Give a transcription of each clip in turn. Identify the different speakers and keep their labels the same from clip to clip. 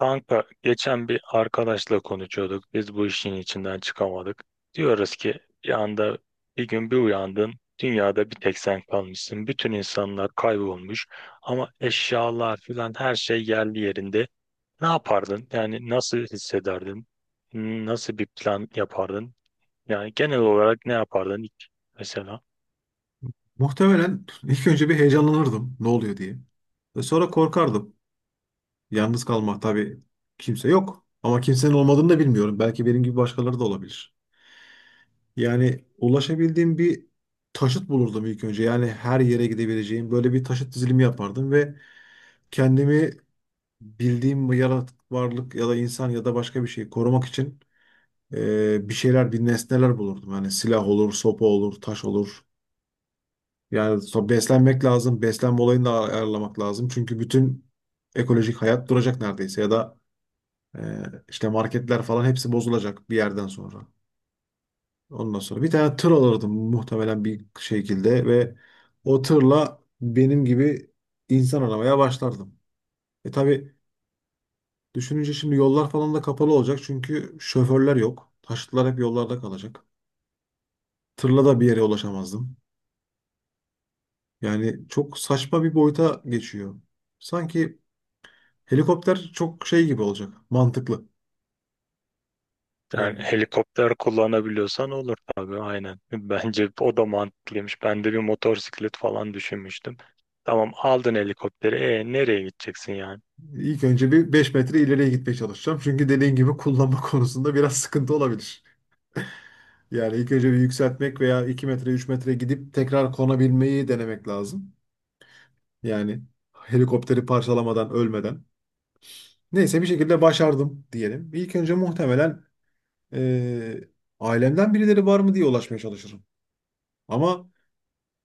Speaker 1: Kanka geçen bir arkadaşla konuşuyorduk. Biz bu işin içinden çıkamadık. Diyoruz ki bir anda bir gün bir uyandın. Dünyada bir tek sen kalmışsın. Bütün insanlar kaybolmuş. Ama eşyalar filan her şey yerli yerinde. Ne yapardın? Yani nasıl hissederdin? Nasıl bir plan yapardın? Yani genel olarak ne yapardın ilk mesela?
Speaker 2: Muhtemelen ilk önce bir heyecanlanırdım ne oluyor diye. Ve sonra korkardım. Yalnız kalmak tabii kimse yok. Ama kimsenin olmadığını da bilmiyorum. Belki benim gibi başkaları da olabilir. Yani ulaşabildiğim bir taşıt bulurdum ilk önce. Yani her yere gidebileceğim böyle bir taşıt dizilimi yapardım ve kendimi bildiğim bu yaratık varlık ya da insan ya da başka bir şeyi korumak için bir şeyler, bir nesneler bulurdum. Yani silah olur, sopa olur, taş olur. Yani beslenmek lazım, beslenme olayını da ayarlamak lazım. Çünkü bütün ekolojik hayat duracak neredeyse ya da e, işte marketler falan hepsi bozulacak bir yerden sonra. Ondan sonra bir tane tır alırdım muhtemelen bir şekilde ve o tırla benim gibi insan aramaya başlardım. E tabii düşününce şimdi yollar falan da kapalı olacak çünkü şoförler yok. Taşıtlar hep yollarda kalacak. Tırla da bir yere ulaşamazdım. Yani çok saçma bir boyuta geçiyor. Sanki helikopter çok şey gibi olacak. Mantıklı.
Speaker 1: Yani
Speaker 2: Yani
Speaker 1: helikopter kullanabiliyorsan olur tabii aynen. Bence o da mantıklıymış. Ben de bir motosiklet falan düşünmüştüm. Tamam aldın helikopteri. E nereye gideceksin yani?
Speaker 2: ilk önce bir 5 metre ileriye gitmeye çalışacağım. Çünkü dediğin gibi kullanma konusunda biraz sıkıntı olabilir. Yani ilk önce bir yükseltmek veya 2 metre 3 metre gidip tekrar konabilmeyi denemek lazım. Yani helikopteri parçalamadan ölmeden. Neyse bir şekilde başardım diyelim. İlk önce muhtemelen eee, ailemden birileri var mı diye ulaşmaya çalışırım. Ama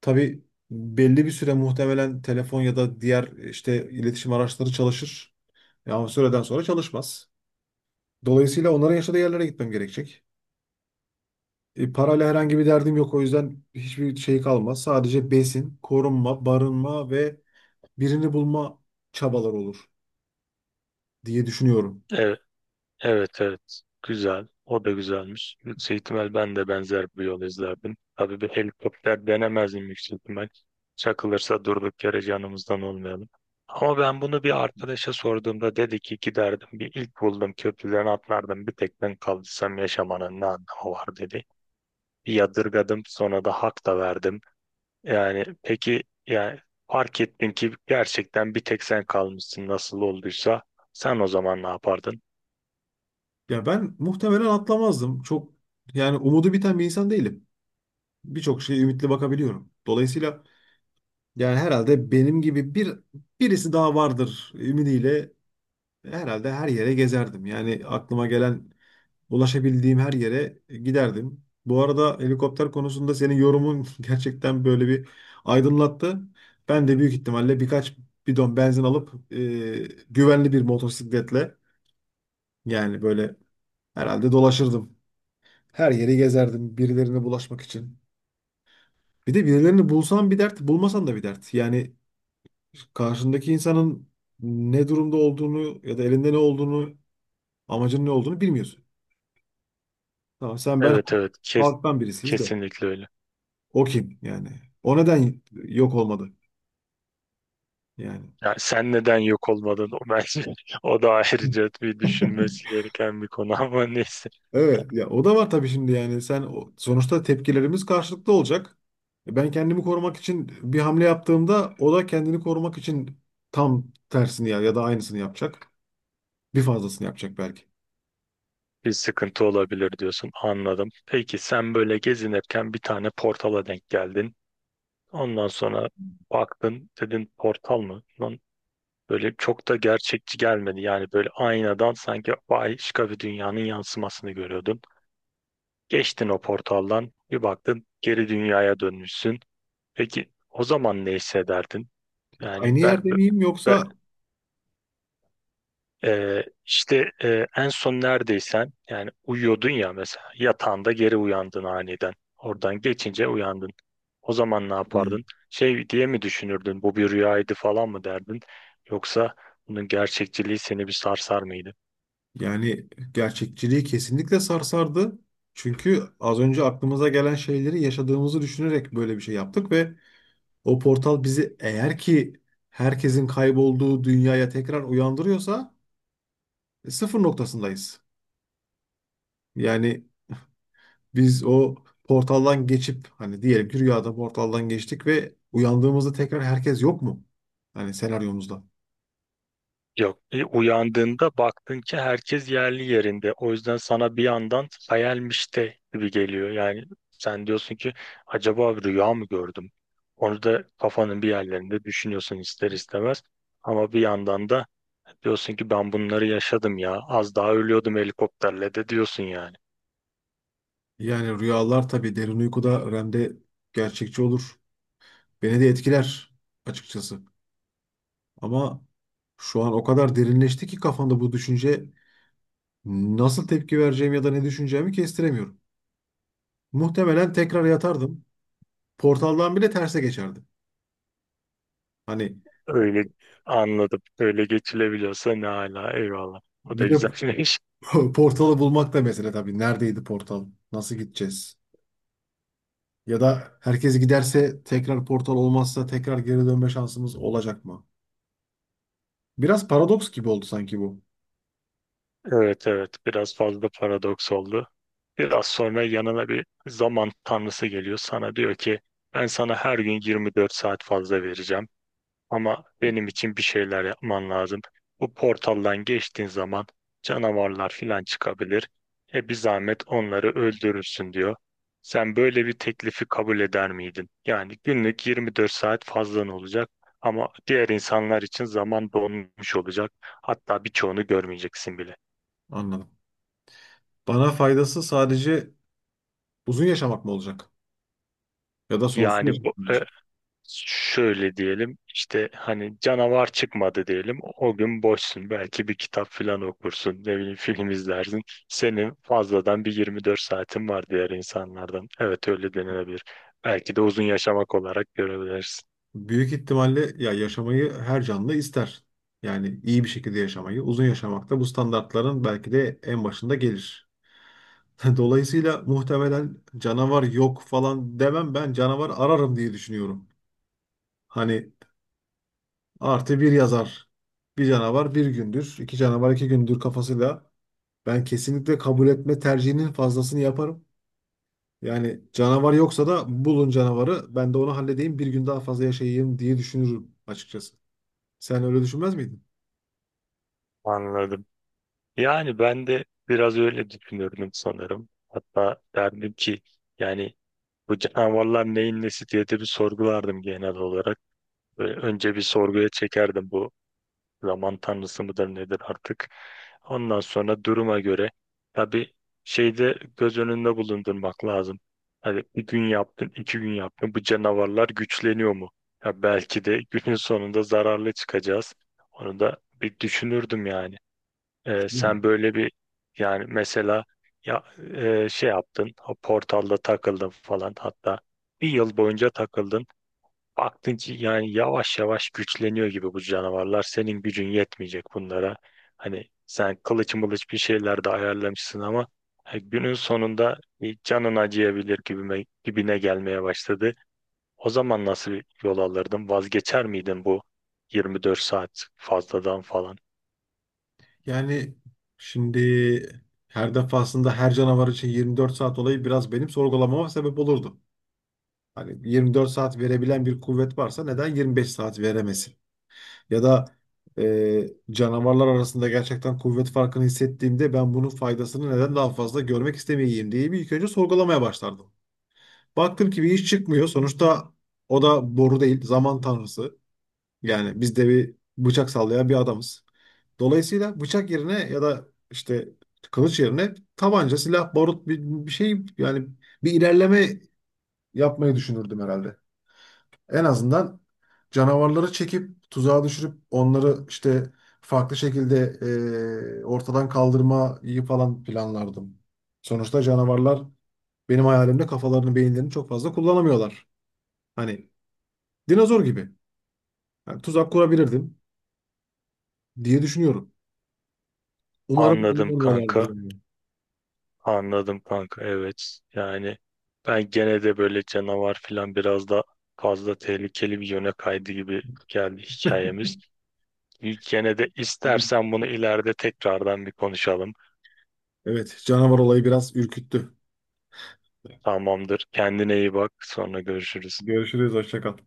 Speaker 2: tabii belli bir süre muhtemelen telefon ya da diğer işte iletişim araçları çalışır. Ya o süreden sonra çalışmaz. Dolayısıyla onların yaşadığı yerlere gitmem gerekecek. E, parayla herhangi bir derdim yok. O yüzden hiçbir şey kalmaz. Sadece besin, korunma, barınma ve birini bulma çabalar olur diye düşünüyorum.
Speaker 1: Evet evet evet. Güzel. O da güzelmiş. Yüksek ihtimal ben de benzer bir yol izlerdim. Tabii bir helikopter denemezdim yüksek ihtimal. Çakılırsa durduk yere canımızdan olmayalım. Ama ben bunu bir arkadaşa sorduğumda dedi ki giderdim bir ilk buldum köprüden atlardım bir tek ben kalırsam yaşamanın ne anlamı var dedi. Bir yadırgadım sonra da hak da verdim. Yani peki yani fark ettin ki gerçekten bir tek sen kalmışsın nasıl olduysa sen o zaman ne yapardın?
Speaker 2: Ya ben muhtemelen atlamazdım. Çok yani umudu biten bir insan değilim. Birçok şeye ümitli bakabiliyorum. Dolayısıyla yani herhalde benim gibi bir birisi daha vardır ümidiyle herhalde her yere gezerdim. Yani aklıma gelen ulaşabildiğim her yere giderdim. Bu arada helikopter konusunda senin yorumun gerçekten böyle bir aydınlattı. Ben de büyük ihtimalle birkaç bidon benzin alıp güvenli bir motosikletle yani böyle herhalde dolaşırdım. Her yeri gezerdim birilerine bulaşmak için. Bir de birilerini bulsan bir dert, bulmasan da bir dert. Yani karşındaki insanın ne durumda olduğunu ya da elinde ne olduğunu, amacının ne olduğunu bilmiyorsun. Tamam sen ben
Speaker 1: Evet evet,
Speaker 2: halktan birisiyiz de.
Speaker 1: kesinlikle öyle.
Speaker 2: O kim yani? O neden yok olmadı yani?
Speaker 1: Yani sen neden yok olmadın o bence o da ayrıca bir düşünmesi gereken bir konu ama neyse
Speaker 2: Evet ya o da var tabii şimdi yani sonuçta tepkilerimiz karşılıklı olacak. E, ben kendimi korumak için bir hamle yaptığımda o da kendini korumak için tam tersini ya da aynısını yapacak. Bir fazlasını yapacak belki.
Speaker 1: bir sıkıntı olabilir diyorsun, anladım. Peki sen böyle gezinirken bir tane portala denk geldin. Ondan sonra baktın dedin portal mı? Lan böyle çok da gerçekçi gelmedi. Yani böyle aynadan sanki başka bir dünyanın yansımasını görüyordun. Geçtin o portaldan bir baktın geri dünyaya dönmüşsün. Peki o zaman ne hissederdin? Yani
Speaker 2: Aynı yerde miyim
Speaker 1: ben-
Speaker 2: yoksa?
Speaker 1: işte en son neredeysen yani uyuyordun ya mesela yatağında geri uyandın aniden. Oradan geçince uyandın. O zaman ne
Speaker 2: Hı.
Speaker 1: yapardın? Şey diye mi düşünürdün? Bu bir rüyaydı falan mı derdin? Yoksa bunun gerçekçiliği seni bir sarsar mıydı?
Speaker 2: Yani gerçekçiliği kesinlikle sarsardı. Çünkü az önce aklımıza gelen şeyleri yaşadığımızı düşünerek böyle bir şey yaptık ve o portal bizi eğer ki herkesin kaybolduğu dünyaya tekrar uyandırıyorsa sıfır noktasındayız. Yani biz o portaldan geçip hani diyelim ki rüyada portaldan geçtik ve uyandığımızda tekrar herkes yok mu? Hani senaryomuzda.
Speaker 1: Yok, uyandığında baktın ki herkes yerli yerinde. O yüzden sana bir yandan hayalmiş de gibi geliyor. Yani sen diyorsun ki acaba bir rüya mı gördüm? Onu da kafanın bir yerlerinde düşünüyorsun ister istemez. Ama bir yandan da diyorsun ki ben bunları yaşadım ya. Az daha ölüyordum helikopterle de diyorsun yani.
Speaker 2: Yani rüyalar tabii derin uykuda REM'de gerçekçi olur. Beni de etkiler açıkçası. Ama şu an o kadar derinleşti ki kafamda bu düşünce nasıl tepki vereceğim ya da ne düşüneceğimi kestiremiyorum. Muhtemelen tekrar yatardım. Portaldan bile terse geçerdim. Hani
Speaker 1: Öyle anladım. Öyle geçilebiliyorsa ne hala. Eyvallah. O da
Speaker 2: bir de
Speaker 1: güzelmiş.
Speaker 2: portalı bulmak da mesele tabii. Neredeydi portal? Nasıl gideceğiz? Ya da herkes giderse tekrar portal olmazsa tekrar geri dönme şansımız olacak mı? Biraz paradoks gibi oldu sanki bu.
Speaker 1: Evet evet. Biraz fazla paradoks oldu. Biraz sonra yanına bir zaman tanrısı geliyor. Sana diyor ki ben sana her gün 24 saat fazla vereceğim. Ama benim için bir şeyler yapman lazım. Bu portaldan geçtiğin zaman canavarlar filan çıkabilir. E bir zahmet onları öldürürsün diyor. Sen böyle bir teklifi kabul eder miydin? Yani günlük 24 saat fazlan olacak ama diğer insanlar için zaman donmuş olacak. Hatta birçoğunu görmeyeceksin bile.
Speaker 2: Anladım. Bana faydası sadece uzun yaşamak mı olacak? Ya da sonsuz
Speaker 1: Yani bu,
Speaker 2: yaşamak mı olacak?
Speaker 1: şöyle diyelim işte, hani canavar çıkmadı diyelim, o gün boşsun, belki bir kitap falan okursun, ne bileyim film izlersin. Senin fazladan bir 24 saatin var diğer insanlardan, evet öyle denilebilir. Belki de uzun yaşamak olarak görebilirsin.
Speaker 2: Büyük ihtimalle ya yaşamayı her canlı ister. Yani iyi bir şekilde yaşamayı, uzun yaşamak da bu standartların belki de en başında gelir. Dolayısıyla muhtemelen canavar yok falan demem ben canavar ararım diye düşünüyorum. Hani artı bir yazar. Bir canavar bir gündür, iki canavar iki gündür kafasıyla ben kesinlikle kabul etme tercihinin fazlasını yaparım. Yani canavar yoksa da bulun canavarı ben de onu halledeyim bir gün daha fazla yaşayayım diye düşünürüm açıkçası. Sen öyle düşünmez miydin?
Speaker 1: Anladım, yani ben de biraz öyle düşünürdüm sanırım, hatta derdim ki yani bu canavarlar neyin nesi diye de bir sorgulardım genel olarak. Böyle önce bir sorguya çekerdim, bu zaman tanrısı mıdır nedir artık. Ondan sonra duruma göre tabii şeyde göz önünde bulundurmak lazım. Hani bir gün yaptın, iki gün yaptın. Bu canavarlar güçleniyor mu? Ya belki de günün sonunda zararlı çıkacağız. Onu da bir düşünürdüm yani.
Speaker 2: Değil
Speaker 1: Sen
Speaker 2: mi?
Speaker 1: böyle bir yani mesela ya şey yaptın, o portalda takıldın falan, hatta bir yıl boyunca takıldın. Baktın ki yani yavaş yavaş güçleniyor gibi bu canavarlar. Senin gücün yetmeyecek bunlara. Hani sen kılıç mılıç bir şeyler de ayarlamışsın ama günün sonunda bir canın acıyabilir gibine gelmeye başladı. O zaman nasıl bir yol alırdın? Vazgeçer miydin bu 24 saat fazladan falan?
Speaker 2: Yani şimdi her defasında her canavar için 24 saat olayı biraz benim sorgulamama sebep olurdu. Hani 24 saat verebilen bir kuvvet varsa neden 25 saat veremesin? Ya da canavarlar arasında gerçekten kuvvet farkını hissettiğimde ben bunun faydasını neden daha fazla görmek istemeyeyim diye bir ilk önce sorgulamaya başlardım. Baktım ki bir iş çıkmıyor. Sonuçta o da boru değil, zaman tanrısı. Yani biz de bir bıçak sallayan bir adamız. Dolayısıyla bıçak yerine ya da işte kılıç yerine tabanca, silah, barut bir şey yani bir ilerleme yapmayı düşünürdüm herhalde. En azından canavarları çekip tuzağa düşürüp onları işte farklı şekilde ortadan kaldırmayı falan planlardım. Sonuçta canavarlar benim hayalimde kafalarını, beyinlerini çok fazla kullanamıyorlar. Hani dinozor gibi. Yani tuzak kurabilirdim diye düşünüyorum. Umarım
Speaker 1: Anladım
Speaker 2: kullanamıyorlardır
Speaker 1: kanka.
Speaker 2: yani.
Speaker 1: Anladım kanka evet. Yani ben gene de böyle canavar falan biraz da fazla tehlikeli bir yöne kaydı gibi geldi hikayemiz. Gene de istersen bunu ileride tekrardan bir konuşalım.
Speaker 2: Evet, canavar olayı biraz ürküttü.
Speaker 1: Tamamdır. Kendine iyi bak. Sonra görüşürüz.
Speaker 2: Görüşürüz, hoşça kal.